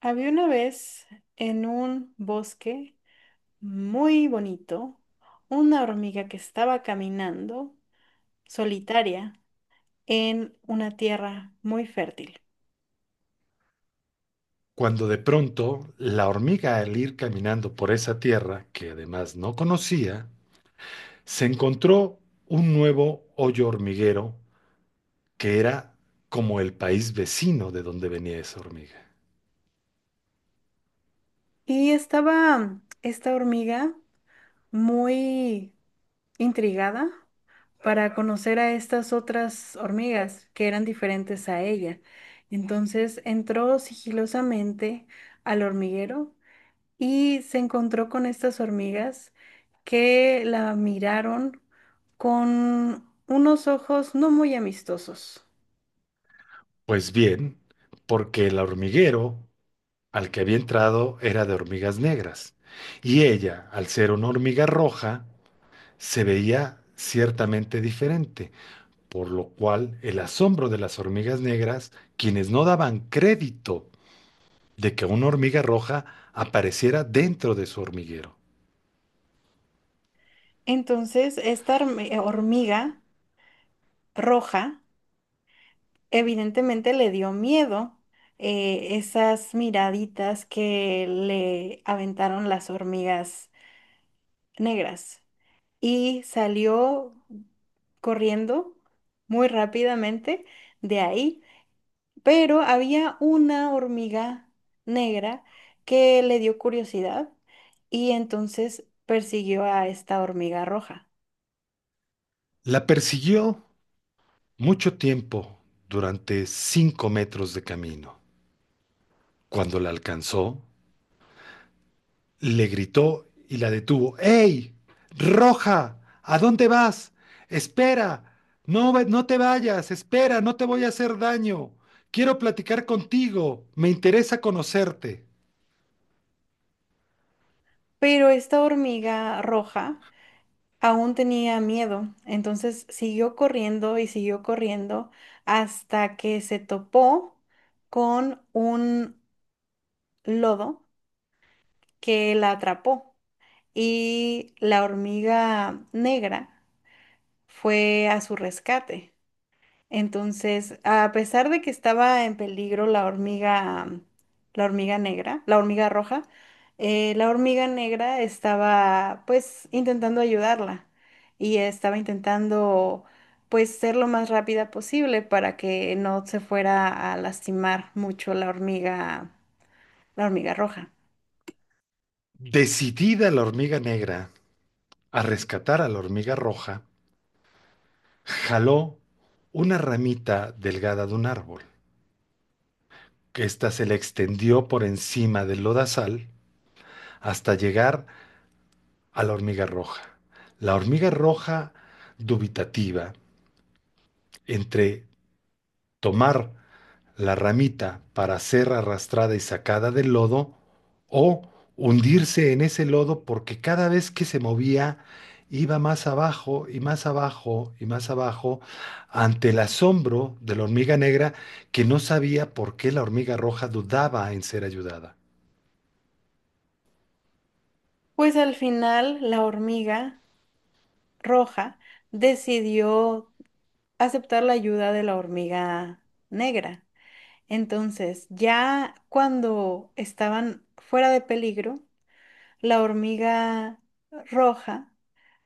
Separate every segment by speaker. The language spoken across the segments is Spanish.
Speaker 1: Había una vez en un bosque muy bonito una hormiga que estaba caminando solitaria en una tierra muy fértil.
Speaker 2: Cuando de pronto la hormiga al ir caminando por esa tierra, que además no conocía, se encontró un nuevo hoyo hormiguero que era como el país vecino de donde venía esa hormiga.
Speaker 1: Y estaba esta hormiga muy intrigada para conocer a estas otras hormigas que eran diferentes a ella. Entonces entró sigilosamente al hormiguero y se encontró con estas hormigas que la miraron con unos ojos no muy amistosos.
Speaker 2: Pues bien, porque el hormiguero al que había entrado era de hormigas negras, y ella, al ser una hormiga roja, se veía ciertamente diferente, por lo cual el asombro de las hormigas negras, quienes no daban crédito de que una hormiga roja apareciera dentro de su hormiguero.
Speaker 1: Entonces, esta hormiga roja evidentemente le dio miedo esas miraditas que le aventaron las hormigas negras y salió corriendo muy rápidamente de ahí. Pero había una hormiga negra que le dio curiosidad y entonces persiguió a esta hormiga roja.
Speaker 2: La persiguió mucho tiempo durante 5 metros de camino. Cuando la alcanzó, le gritó y la detuvo. ¡Ey! ¡Roja! ¿A dónde vas? ¡Espera! No, no te vayas, espera, no te voy a hacer daño. Quiero platicar contigo, me interesa conocerte.
Speaker 1: Pero esta hormiga roja aún tenía miedo, entonces siguió corriendo y siguió corriendo hasta que se topó con un lodo que la atrapó y la hormiga negra fue a su rescate. Entonces, a pesar de que estaba en peligro la hormiga, la hormiga negra, la hormiga roja, la hormiga negra estaba pues intentando ayudarla y estaba intentando pues ser lo más rápida posible para que no se fuera a lastimar mucho la hormiga roja.
Speaker 2: Decidida la hormiga negra a rescatar a la hormiga roja, jaló una ramita delgada de un árbol. Esta se le extendió por encima del lodazal hasta llegar a la hormiga roja. La hormiga roja, dubitativa entre tomar la ramita para ser arrastrada y sacada del lodo o hundirse en ese lodo porque cada vez que se movía iba más abajo y más abajo y más abajo ante el asombro de la hormiga negra que no sabía por qué la hormiga roja dudaba en ser ayudada.
Speaker 1: Pues al final la hormiga roja decidió aceptar la ayuda de la hormiga negra. Entonces, ya cuando estaban fuera de peligro, la hormiga roja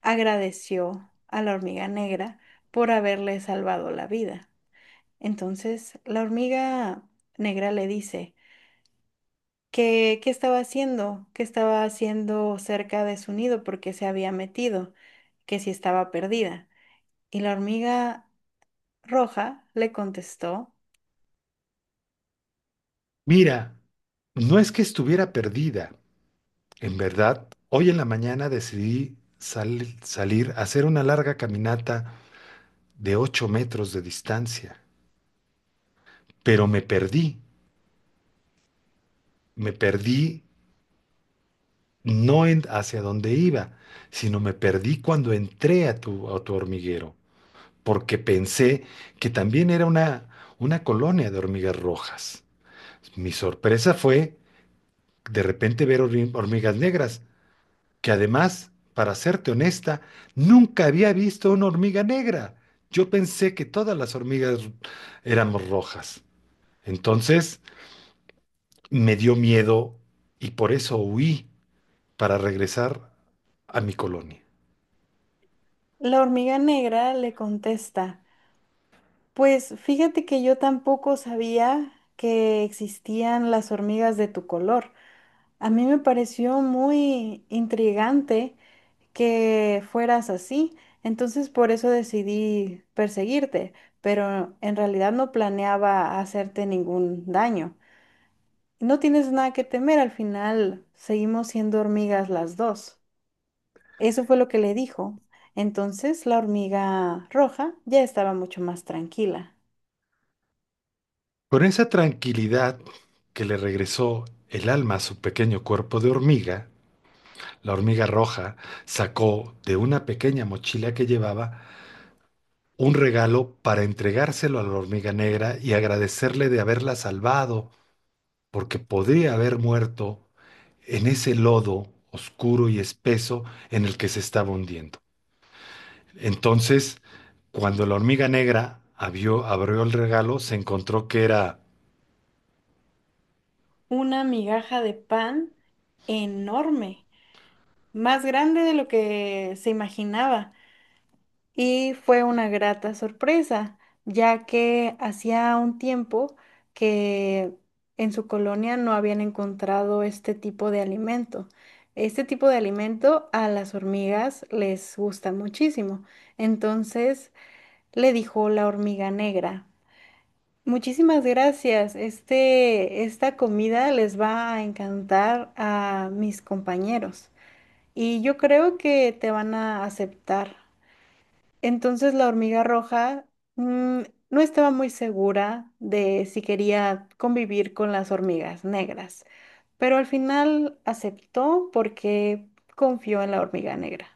Speaker 1: agradeció a la hormiga negra por haberle salvado la vida. Entonces, la hormiga negra le dice que qué estaba haciendo, que estaba haciendo cerca de su nido porque se había metido, que si estaba perdida. Y la hormiga roja le contestó,
Speaker 2: Mira, no es que estuviera perdida, en verdad, hoy en la mañana decidí salir a hacer una larga caminata de 8 metros de distancia. Pero me perdí no en hacia dónde iba, sino me perdí cuando entré a tu hormiguero, porque pensé que también era una colonia de hormigas rojas. Mi sorpresa fue de repente ver hormigas negras, que además, para serte honesta, nunca había visto una hormiga negra. Yo pensé que todas las hormigas éramos rojas. Entonces me dio miedo y por eso huí para regresar a mi colonia.
Speaker 1: la hormiga negra le contesta: pues fíjate que yo tampoco sabía que existían las hormigas de tu color. A mí me pareció muy intrigante que fueras así, entonces por eso decidí perseguirte, pero en realidad no planeaba hacerte ningún daño. No tienes nada que temer, al final seguimos siendo hormigas las dos. Eso fue lo que le dijo. Entonces la hormiga roja ya estaba mucho más tranquila.
Speaker 2: Con esa tranquilidad que le regresó el alma a su pequeño cuerpo de hormiga, la hormiga roja sacó de una pequeña mochila que llevaba un regalo para entregárselo a la hormiga negra y agradecerle de haberla salvado, porque podría haber muerto en ese lodo oscuro y espeso en el que se estaba hundiendo. Entonces, cuando la hormiga negra abrió el regalo, se encontró que era.
Speaker 1: Una migaja de pan enorme, más grande de lo que se imaginaba. Y fue una grata sorpresa, ya que hacía un tiempo que en su colonia no habían encontrado este tipo de alimento. Este tipo de alimento a las hormigas les gusta muchísimo. Entonces le dijo la hormiga negra: muchísimas gracias. Este, esta comida les va a encantar a mis compañeros y yo creo que te van a aceptar. Entonces la hormiga roja, mm, no estaba muy segura de si quería convivir con las hormigas negras, pero al final aceptó porque confió en la hormiga negra.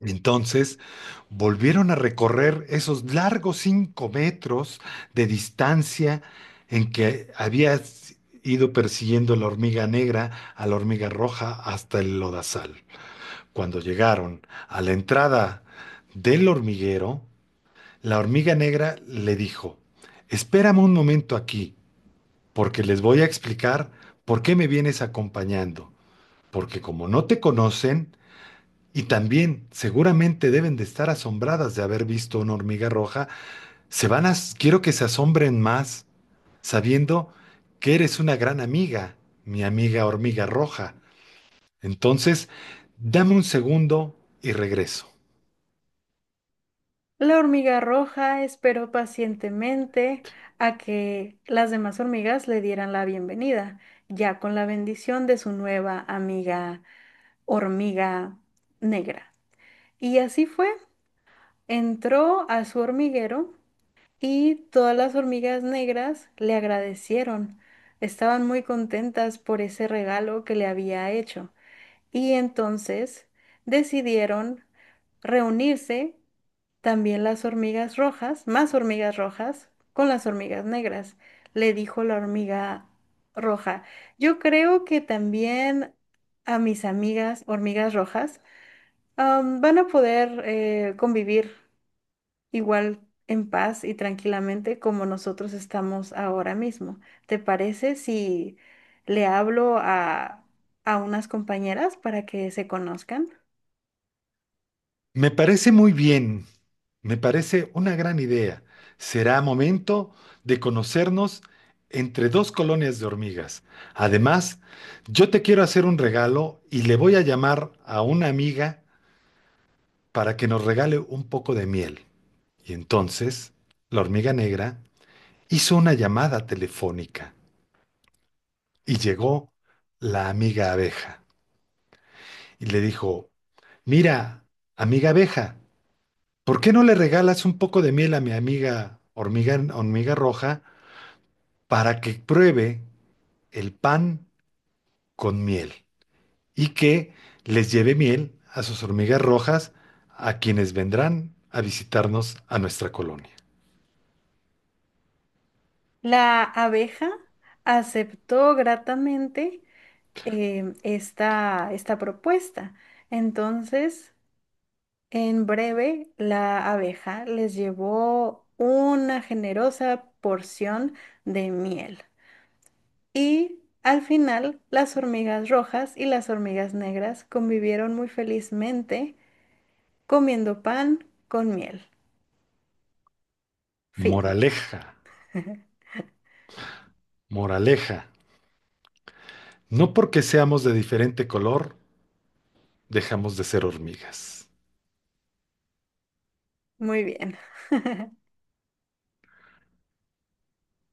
Speaker 2: Entonces volvieron a recorrer esos largos 5 metros de distancia en que había ido persiguiendo la hormiga negra a la hormiga roja hasta el lodazal. Cuando llegaron a la entrada del hormiguero, la hormiga negra le dijo, espérame un momento aquí, porque les voy a explicar por qué me vienes acompañando, porque como no te conocen, y también, seguramente deben de estar asombradas de haber visto una hormiga roja. Quiero que se asombren más, sabiendo que eres una gran amiga, mi amiga hormiga roja. Entonces, dame un segundo y regreso.
Speaker 1: La hormiga roja esperó pacientemente a que las demás hormigas le dieran la bienvenida, ya con la bendición de su nueva amiga hormiga negra. Y así fue, entró a su hormiguero y todas las hormigas negras le agradecieron. Estaban muy contentas por ese regalo que le había hecho. Y entonces decidieron reunirse también las hormigas rojas, más hormigas rojas, con las hormigas negras, le dijo la hormiga roja. Yo creo que también a mis amigas hormigas rojas van a poder convivir igual en paz y tranquilamente como nosotros estamos ahora mismo. ¿Te parece si le hablo a unas compañeras para que se conozcan?
Speaker 2: Me parece muy bien, me parece una gran idea. Será momento de conocernos entre dos colonias de hormigas. Además, yo te quiero hacer un regalo y le voy a llamar a una amiga para que nos regale un poco de miel. Y entonces, la hormiga negra hizo una llamada telefónica y llegó la amiga abeja y le dijo, mira, amiga abeja, ¿por qué no le regalas un poco de miel a mi amiga hormiga roja para que pruebe el pan con miel y que les lleve miel a sus hormigas rojas a quienes vendrán a visitarnos a nuestra colonia?
Speaker 1: La abeja aceptó gratamente, esta, esta propuesta. Entonces, en breve, la abeja les llevó una generosa porción de miel. Y al final, las hormigas rojas y las hormigas negras convivieron muy felizmente comiendo pan con miel. Fin.
Speaker 2: Moraleja. Moraleja, no porque seamos de diferente color, dejamos de ser hormigas.
Speaker 1: Muy bien.